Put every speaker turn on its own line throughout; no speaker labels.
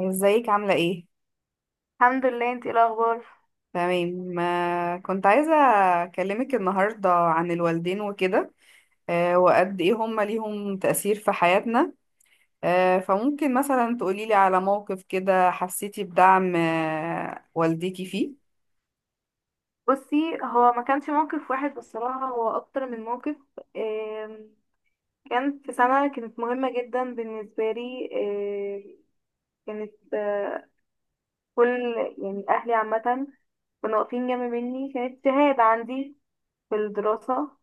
ازيك عاملة ايه؟
الحمد لله، انتي ايه الاخبار؟
تمام، كنت عايزة اكلمك النهاردة عن الوالدين وكده. وقد ايه هما ليهم تأثير في حياتنا؟ فممكن مثلا تقوليلي على موقف كده حسيتي بدعم والديكي فيه؟
بصي، هو ما كانش موقف واحد بصراحه، هو اكتر من موقف. آم، كان في سنه كانت مهمه جدا بالنسبه لي. كانت آه، كل يعني اهلي عامه كانوا واقفين جنب مني. كانت شهاده عندي في الدراسه.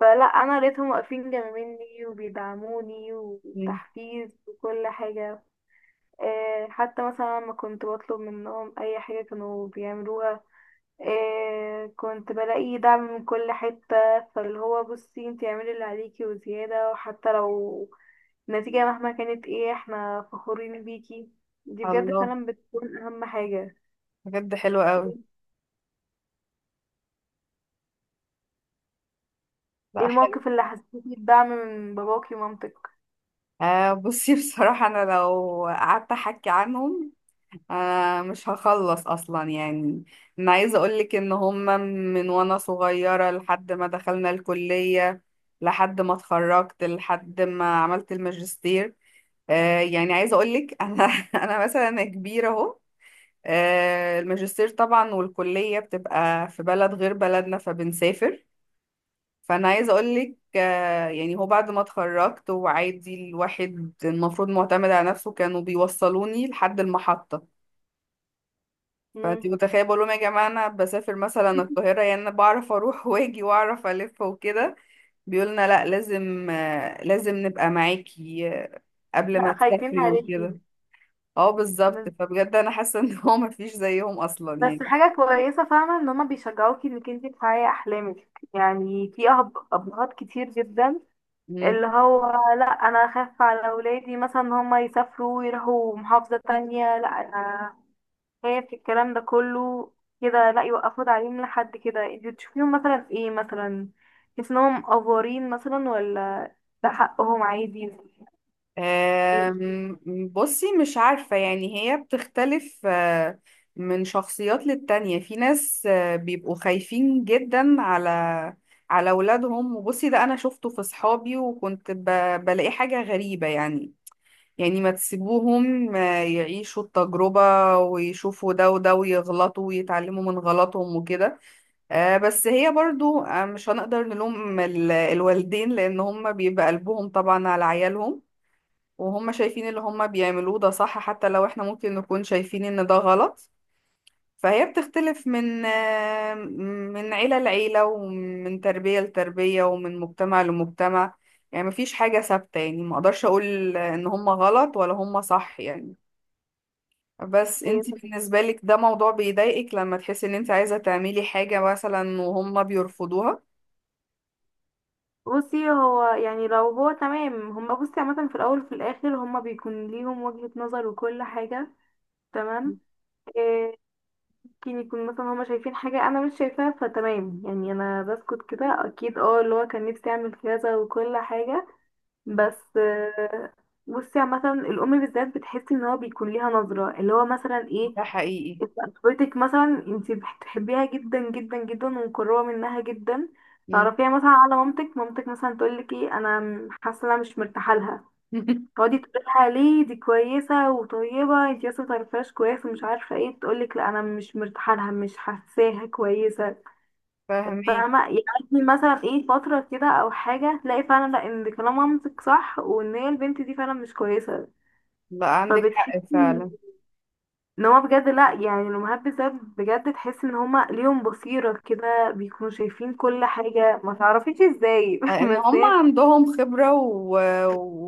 فلا انا لقيتهم واقفين جنب مني وبيدعموني
مم.
وتحفيز وكل حاجه. حتى مثلا لما كنت بطلب منهم اي حاجه كانوا بيعملوها. إيه، كنت بلاقي دعم من كل حتة. فاللي هو بصي انتي اعملي اللي عليكي وزيادة، وحتى لو النتيجة مهما كانت ايه احنا فخورين بيكي. دي بجد
الله،
فعلا بتكون اهم حاجة.
بجد حلو قوي.
ايه
لا، حلو.
الموقف اللي حسيتي بدعم من باباكي ومامتك؟
بصي، بصراحة انا لو قعدت احكي عنهم مش هخلص اصلا يعني. انا عايزه اقولك ان هما من وانا صغيره لحد ما دخلنا الكليه، لحد ما اتخرجت، لحد ما عملت الماجستير. يعني عايزه اقولك، انا مثلا، أنا كبيره اهو. الماجستير طبعا، والكليه بتبقى في بلد غير بلدنا فبنسافر. فانا عايزه اقولك، يعني هو بعد ما اتخرجت وعادي الواحد المفروض معتمد على نفسه، كانوا بيوصلوني لحد المحطه. فانت
مم.
متخيله، بقول لهم يا جماعه انا بسافر مثلا القاهره، يعني انا بعرف اروح واجي واعرف الف وكده، بيقولنا لا لازم، نبقى معاكي قبل ما
لا خايفين
تسافري
عليكي.
وكده. اه، بالظبط.
بس،
فبجد انا حاسه ان هو مفيش زيهم اصلا يعني.
حاجة كويسة فاهمة ان هما بيشجعوكي انك انتي تحققي احلامك. يعني في ابهات كتير جدا اللي هو لا انا اخاف على اولادي مثلا ان هم يسافروا ويروحوا محافظة تانية، لا انا خايف الكلام ده كله كده. لا يوقفوا تعليم لحد كده. انت بتشوفيهم مثلا في ايه مثلا؟ تحس انهم افورين مثلا ولا ده حقهم عادي؟
أم، بصي، مش عارفة، يعني هي بتختلف من شخصيات للتانية. في ناس بيبقوا خايفين جدا على أولادهم. وبصي ده أنا شفته في صحابي، وكنت بلاقي حاجة غريبة يعني. يعني ما تسيبوهم يعيشوا التجربة ويشوفوا ده وده ويغلطوا ويتعلموا من غلطهم وكده. بس هي برضو مش هنقدر نلوم الوالدين لأن هم بيبقى قلبهم طبعا على عيالهم، وهم شايفين اللي هم بيعملوه ده صح حتى لو احنا ممكن نكون شايفين ان ده غلط. فهي بتختلف من عيلة لعيلة، ومن تربية لتربية، ومن مجتمع لمجتمع. يعني مفيش حاجة ثابتة، يعني ما اقدرش اقول ان هم غلط ولا هم صح يعني. بس انتي بالنسبة لك ده موضوع بيضايقك لما تحسي ان انت عايزة تعملي حاجة مثلا وهم بيرفضوها؟
بصي هو يعني لو هو تمام هما، بصي عامة في الأول وفي الآخر هما بيكون ليهم وجهة نظر وكل حاجة. تمام. آه، ممكن يكون مثلا هما شايفين حاجة أنا مش شايفاها فتمام. يعني أنا بسكت كده، أكيد اه اللي هو كان نفسي أعمل كذا وكل حاجة،
مم.
بس. بصي عامة الأم بالذات بتحس إن هو بيكون ليها نظرة اللي هو مثلا ايه.
ده حقيقي.
طفلتك مثلا انتي بتحبيها جدا جدا جدا ومقربة منها جدا.
مم.
تعرفيها مثلا على مامتك، مامتك مثلا تقولك ايه، أنا حاسة إن أنا مش مرتاحة لها. تقعدي تقولها ليه، دي كويسة وطيبة، انتي لسه متعرفهاش كويس ومش عارفة ايه. تقولك لا انا مش مرتاحة لها، مش حاساها كويسة.
فاهمك.
فاهمة يعني؟ مثلا ايه فترة كده او حاجة تلاقي فعلا لا، ان كلام مامتك صح وان هي البنت دي فعلا مش كويسة.
لا، عندك حق
فبتحسي
فعلا.
ان هما بجد لا، يعني الامهات بالذات بجد تحس ان هما ليهم بصيرة كده، بيكونوا شايفين كل حاجة ما تعرفيش ازاي.
ان
بس
هم
هي.
عندهم خبرة،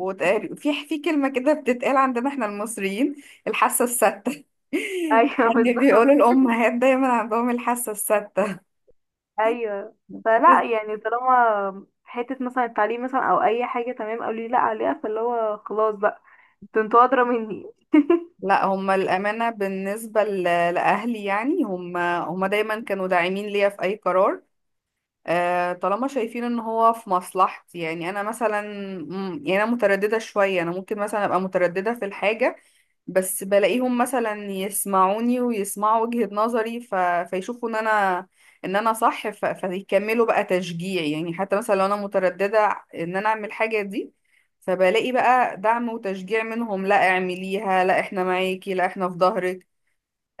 في كلمة كده بتتقال عندنا احنا المصريين، الحاسة الستة.
ايوه
يعني بيقولوا
بالظبط.
الأمهات دايما عندهم الحاسة الستة.
ايوه. فلا يعني طالما حته مثلا التعليم مثلا او اي حاجه تمام قالوا لي لا عليها، فاللي هو خلاص بقى، ده انتوا ادرى مني.
لا، هم الأمانة بالنسبة لأهلي، يعني هم دايما كانوا داعمين ليا في أي قرار، طالما شايفين ان هو في مصلحتي. يعني انا مثلا، يعني انا متردده شويه، انا ممكن مثلا ابقى متردده في الحاجه، بس بلاقيهم مثلا يسمعوني ويسمعوا وجهة نظري، فيشوفوا ان انا صح، فيكملوا بقى تشجيع. يعني حتى مثلا لو انا مترددة ان انا اعمل حاجة دي، فبلاقي بقى دعم وتشجيع منهم، لا اعمليها، لا احنا معاكي، لا احنا في ظهرك.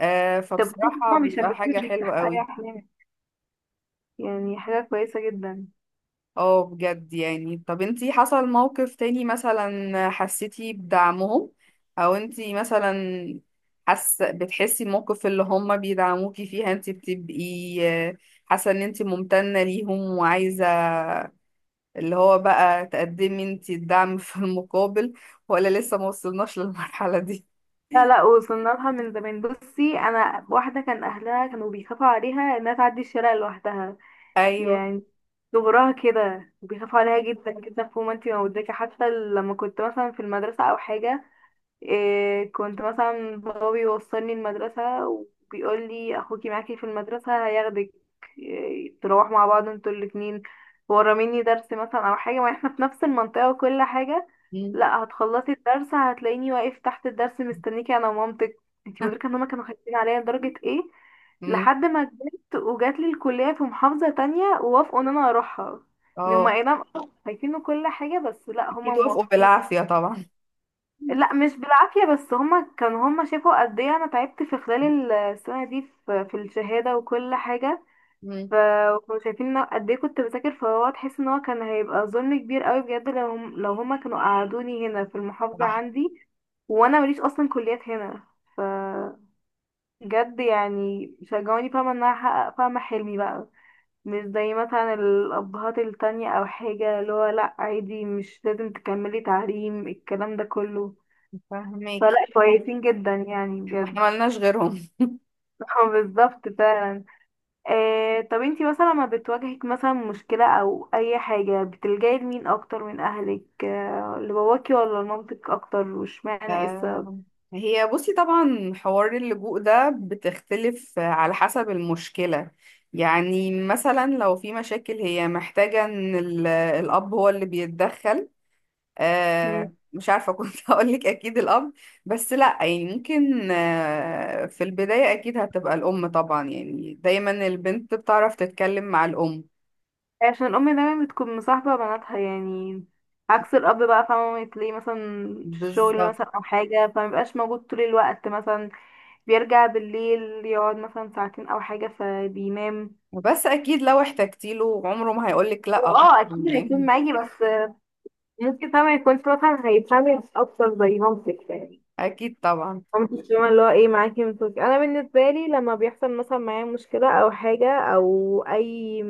طب
فبصراحة
هما
بيبقى
بيشجعوك
حاجة
انك
حلوة
تحققي
قوي.
احلامك؟ يعني حاجه كويسه جدا.
اه، بجد يعني. طب انتي حصل موقف تاني مثلا حسيتي بدعمهم؟ او انتي مثلا بتحسي الموقف اللي هم بيدعموكي فيها انتي بتبقي آه، حاسة ان انتي ممتنة ليهم، وعايزة اللي هو بقى تقدمي انتي الدعم في المقابل؟ ولا لسه ما وصلناش للمرحلة دي؟
لا لا، وصلنا لها من زمان. بصي انا واحده كان اهلها كانوا بيخافوا عليها انها تعدي الشارع لوحدها
ايوه.
يعني. صغرها كده بيخافوا عليها جدا جدا فوق ما انتي ما مدركه. حتى لما كنت مثلا في المدرسه او حاجه، إيه، كنت مثلا بابا بيوصلني المدرسة وبيقول لي أخوكي معاكي في المدرسة هياخدك. إيه، تروح مع بعض انتوا الاتنين، وراميني درس مثلا أو حاجة، ما احنا في نفس المنطقة وكل حاجة.
مم.
لا، هتخلصي الدرس هتلاقيني واقف تحت الدرس مستنيكي أنا ومامتك. انتي مدركة ان هما كانوا خايفين عليا لدرجة ايه.
مم.
لحد ما كبرت وجات لي الكلية في محافظة تانية ووافقوا ان انا اروحها. ان
اه،
هما اي نعم خايفين وكل حاجة، بس لا هما
اكيد وافقوا
موافقين.
بالعافية طبعا.
لا مش بالعافية، بس هما كان هما شافوا قد ايه انا تعبت في خلال السنة دي في الشهادة وكل حاجة.
مم.
فكانوا شايفين إن أنا قد ايه كنت بذاكر. فهو تحس ان هو كان هيبقى ظلم كبير قوي بجد لو هما كانوا قعدوني هنا في المحافظة
صح.
عندي، وانا ماليش اصلا كليات هنا. ف بجد يعني شجعوني فاهمة ان انا احقق فاهمة حلمي بقى. مش زي مثلا الابهات التانية او حاجة اللي هو لا عادي، مش لازم تكملي تعليم الكلام ده كله.
فاهمك.
فلا كويسين جدا يعني
ما احنا
بجد.
ملناش غيرهم.
اه بالظبط فعلا. آه طب انتي مثلا لما بتواجهك مثلا مشكلة او اي حاجة بتلجأي لمين اكتر من اهلك؟ آه لباباكي ولا لمامتك اكتر؟ واشمعنى ايه السبب؟
آه، هي بصي طبعا حوار اللجوء ده بتختلف على حسب المشكلة. يعني مثلا لو في مشاكل هي محتاجة ان الأب هو اللي بيتدخل،
مم.
مش عارفة، كنت هقولك أكيد الأب. بس لأ يعني ممكن في البداية أكيد هتبقى الأم طبعا، يعني دايما البنت بتعرف تتكلم مع الأم.
عشان الام دايما بتكون مصاحبة بناتها يعني. عكس الاب بقى فاهمة تلاقيه مثلا في الشغل
بالظبط.
مثلا او حاجة، فمبيبقاش موجود طول الوقت مثلا، بيرجع بالليل يقعد مثلا ساعتين او حاجة فبينام.
بس أكيد لو احتجتيله عمره ما هيقولك لأ،
هو اه اكيد هيكون
يعني.
معاكي، بس ممكن طبعا يكون مثلا هيتعمل اكتر زي مامتك يعني.
أكيد طبعا.
مامتك فاهمة اللي هو ايه معاكي. انا بالنسبه لي لما بيحصل مثلا معايا مشكله او حاجه او اي،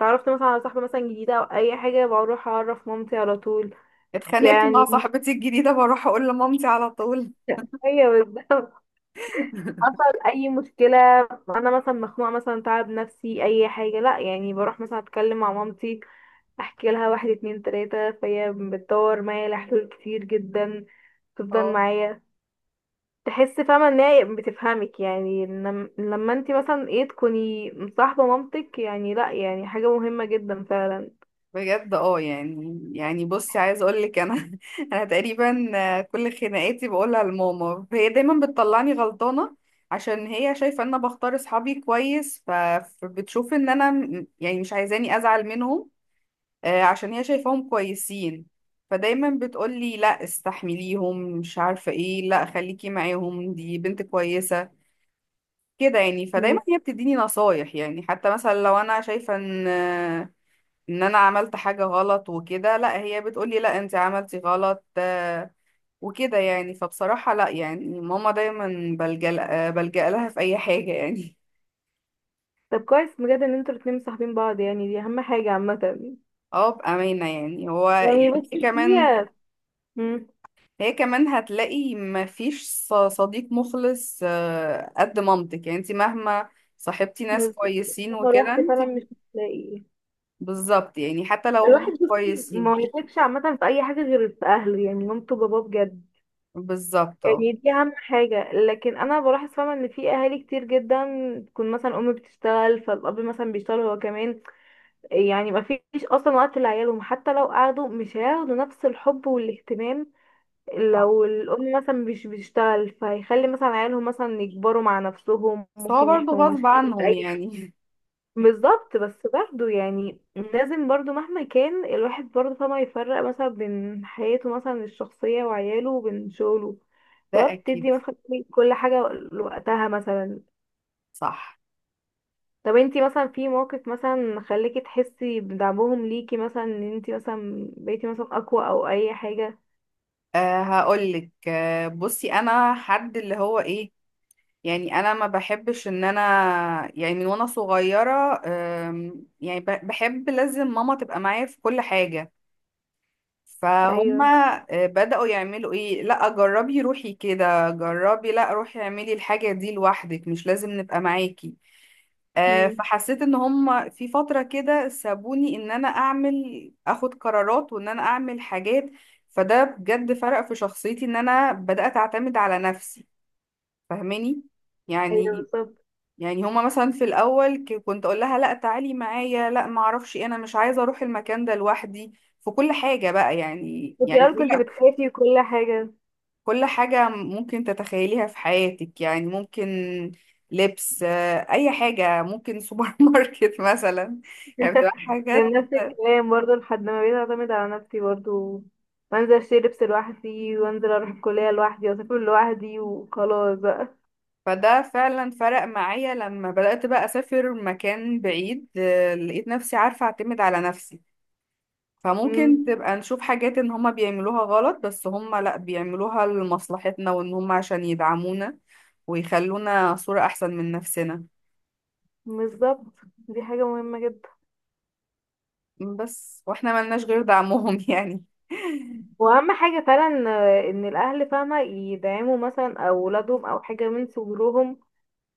تعرفت مثلا على صاحبه مثلا جديده او اي حاجه، بروح اعرف مامتي على طول
اتخانقت مع
يعني.
صاحبتي الجديدة بروح اقول لمامتي على طول.
ايوه بالظبط. حصل اي مشكله، انا مثلا مخنوقه مثلا تعب نفسي اي حاجه، لا يعني بروح مثلا اتكلم مع مامتي احكي لها واحد اتنين تلاته، فهي بتدور معايا لحلول كتير جدا، تفضل
اه،
معايا. تحس فاهمة ان هي بتفهمك يعني، لما انت مثلا ايه تكوني مصاحبة مامتك، يعني لا يعني حاجة مهمة جدا فعلا.
بجد. اه، يعني، بصي، عايز اقول لك انا، انا تقريبا كل خناقاتي بقولها لماما، هي دايما بتطلعني غلطانة عشان هي شايفة ان انا بختار اصحابي كويس، فبتشوف ان انا يعني مش عايزاني ازعل منهم عشان هي شايفاهم كويسين. فدايما بتقولي لا استحمليهم، مش عارفة ايه، لا خليكي معاهم دي بنت كويسة، كده يعني. فدايما
مم.
هي بتديني نصايح، يعني حتى مثلا لو انا شايفه ان انا عملت حاجه غلط وكده، لا هي بتقولي لا انت عملتي غلط وكده يعني. فبصراحه لا، يعني ماما دايما بلجأ لها في اي حاجه يعني.
طب كويس بجد ان انتوا الاتنين مصاحبين بعض يعني دي اهم حاجة عامة.
اه، بامانه يعني. هو
يعني
يعني هي
بصي
كمان،
هي. مم.
هتلاقي ما فيش صديق مخلص قد مامتك، يعني انت مهما صاحبتي ناس
بس
كويسين
لو
وكده،
روحت
انت
فعلا مش هتلاقي.
بالظبط يعني، حتى لو هم
الواحد بصي
كويسين.
ما يثقش عامة في أي حاجة غير في أهله، يعني مامته وباباه بجد.
بالظبط اه.
يعني دي أهم حاجة. لكن أنا بلاحظ فاهمة إن في أهالي كتير جدا تكون مثلا أم بتشتغل فالأب مثلا بيشتغل هو كمان. يعني ما فيش اصلا وقت لعيالهم، حتى لو قعدوا مش هياخدوا نفس الحب والاهتمام.
صح.
لو الام مثلا مش بتشتغل فهيخلي مثلا عيالهم مثلا يكبروا مع نفسهم،
بس هو
ممكن
برضه
يحكموا
غصب
مشاكل في
عنهم
اي.
يعني.
بالظبط. بس برضه يعني لازم برضه مهما كان الواحد برضه فما يفرق مثلا بين حياته مثلا الشخصية وعياله وبين شغله،
ده
وبتدي
اكيد.
مثلا كل حاجة لوقتها مثلا.
صح.
طب انتي مثلا في موقف مثلا خليكي تحسي بدعمهم ليكي مثلا، ان انتي مثلا بقيتي مثلا اقوى او اي حاجة؟
أه، هقولك، بصي انا حد اللي هو ايه، يعني انا ما بحبش ان انا، يعني من وانا صغيرة، يعني بحب لازم ماما تبقى معايا في كل حاجة. فهما
ايوه.
بدأوا يعملوا ايه، لا جربي روحي كده جربي، لا روحي اعملي الحاجة دي لوحدك مش لازم نبقى معاكي.
مم.
فحسيت ان هم في فترة كده سابوني ان انا اخد قرارات وان انا اعمل حاجات. فده بجد فرق في شخصيتي ان انا بدأت اعتمد على نفسي، فاهماني؟
ايوه
يعني،
بالظبط.
هما مثلا في الاول كنت اقول لها لا تعالي معايا، لا ما اعرفش إيه، انا مش عايزة اروح المكان ده لوحدي، في كل حاجة بقى يعني.
كنت الاول
كل
كنت بتخافي وكل حاجة.
كل حاجة ممكن تتخيليها في حياتك، يعني ممكن لبس، أي حاجة، ممكن سوبر ماركت مثلا. يعني بتبقى
كان
حاجات.
نفس الكلام برضه لحد ما بقيت اعتمد على نفسي برضه، وانزل اشتري لبس لوحدي وانزل اروح الكلية لوحدي واسافر لوحدي وخلاص بقى.
فده فعلا فرق معايا لما بدأت بقى أسافر مكان بعيد، لقيت نفسي عارفة أعتمد على نفسي.
مم.
فممكن تبقى نشوف حاجات إن هما بيعملوها غلط، بس هما لأ بيعملوها لمصلحتنا، وإن هما عشان يدعمونا ويخلونا صورة أحسن من نفسنا.
بالظبط، دي حاجة مهمة جدا
بس وإحنا ملناش غير دعمهم يعني.
واهم حاجة فعلا. ان الاهل فاهمة يدعموا مثلا اولادهم او حاجة من صغرهم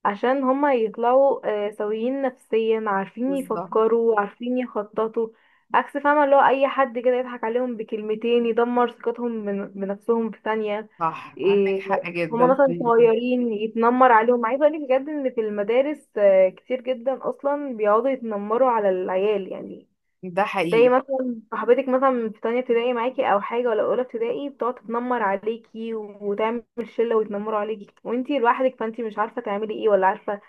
عشان هما يطلعوا سويين نفسيا عارفين
بالظبط.
يفكروا عارفين يخططوا. عكس فاهمة اللي هو أي حد كده يضحك عليهم بكلمتين يدمر ثقتهم بنفسهم في ثانية.
صح، عندك
إيه،
حق
هما
جدا في
مثلا
النقطة دي.
صغيرين يتنمر عليهم. عايزة أقولك بجد إن في المدارس كتير جدا أصلا بيقعدوا يتنمروا على العيال يعني.
ده
تلاقي
حقيقي
مثلا صاحبتك مثلا في تانية ابتدائي معاكي أو حاجة، ولا أولى ابتدائي بتقعد تتنمر عليكي وتعمل شلة ويتنمروا عليكي وانتي لوحدك، فانتي مش عارفة تعملي ايه ولا عارفة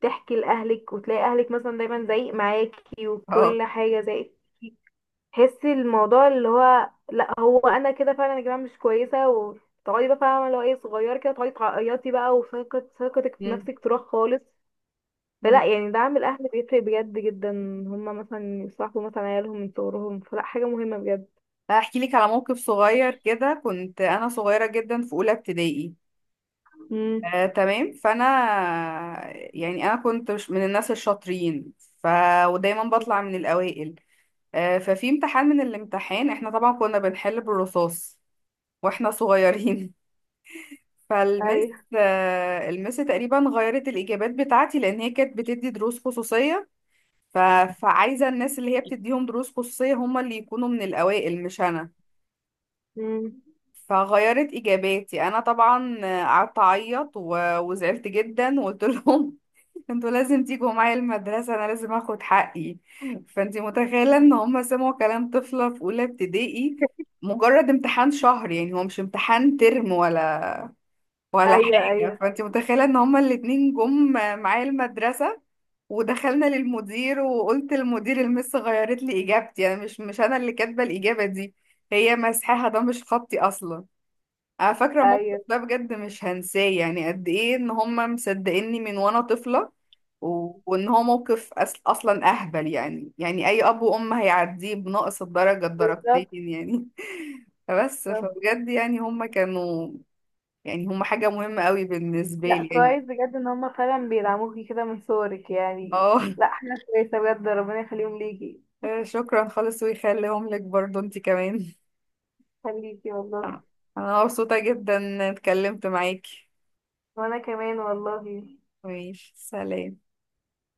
تحكي لأهلك. وتلاقي أهلك مثلا دايما زايق معاكي
اه.
وكل حاجة زايق. تحسي الموضوع اللي هو لا، هو أنا كده فعلا يا جماعة مش كويسة، وتقعدي بقى فاهمة اللي هو ايه صغير كده تقعدي تعيطي بقى، ثقتك في
مم.
نفسك تروح خالص.
مم.
فلا يعني دعم الأهل بيفرق بجد جدا. هما مثلا يصاحبوا مثلا عيالهم من صغرهم، فلا حاجة مهمة بجد.
هحكي لك على موقف صغير كده. كنت انا صغيره جدا في اولى ابتدائي،
مم.
تمام. فانا، يعني انا كنت مش من الناس الشاطرين، ف ودايما بطلع من الاوائل. ففي امتحان من الامتحان احنا طبعا كنا بنحل بالرصاص واحنا صغيرين، فالمس
أيوه.
آه، المس تقريبا غيرت الاجابات بتاعتي لان هي كانت بتدي دروس خصوصيه، ف... فعايزة الناس اللي هي بتديهم دروس خصوصية هم اللي يكونوا من الأوائل مش أنا.
مم.
فغيرت إجاباتي أنا طبعا. قعدت أعيط، وزعلت جدا وقلت لهم، انتوا لازم تيجوا معايا المدرسة، أنا لازم أخد حقي. فأنتي متخيلة إن هم سمعوا كلام طفلة في أولى ابتدائي، مجرد امتحان شهر، يعني هو مش امتحان ترم ولا
أيوه
حاجة؟
أيوه
فأنتي متخيلة إن هما الاتنين جم معايا المدرسة ودخلنا للمدير، وقلت للمدير المس غيرت لي اجابتي، يعني مش انا اللي كاتبه الاجابه دي، هي مسحها، ده مش خطي اصلا. انا فاكره الموقف
أيوه
ده، بجد مش هنساه، يعني قد ايه ان هم مصدقيني من وانا طفله وان هو موقف اصلا اهبل، يعني يعني اي اب وام هيعديه بناقص الدرجه
بالظبط.
الدرجتين يعني. فبجد، يعني هم كانوا، يعني هم حاجه مهمه قوي بالنسبه
لا
لي يعني.
كويس بجد ان هما فعلا بيدعموكي كده من صورك يعني،
اه.
لا حاجة كويسة بجد، ربنا يخليهم ليكي.
شكرا خالص، ويخليهم لك برضو انت كمان.
خليكي والله.
آه. انا مبسوطة جدا إني اتكلمت معاكي.
وانا كمان والله.
ماشي، سلام.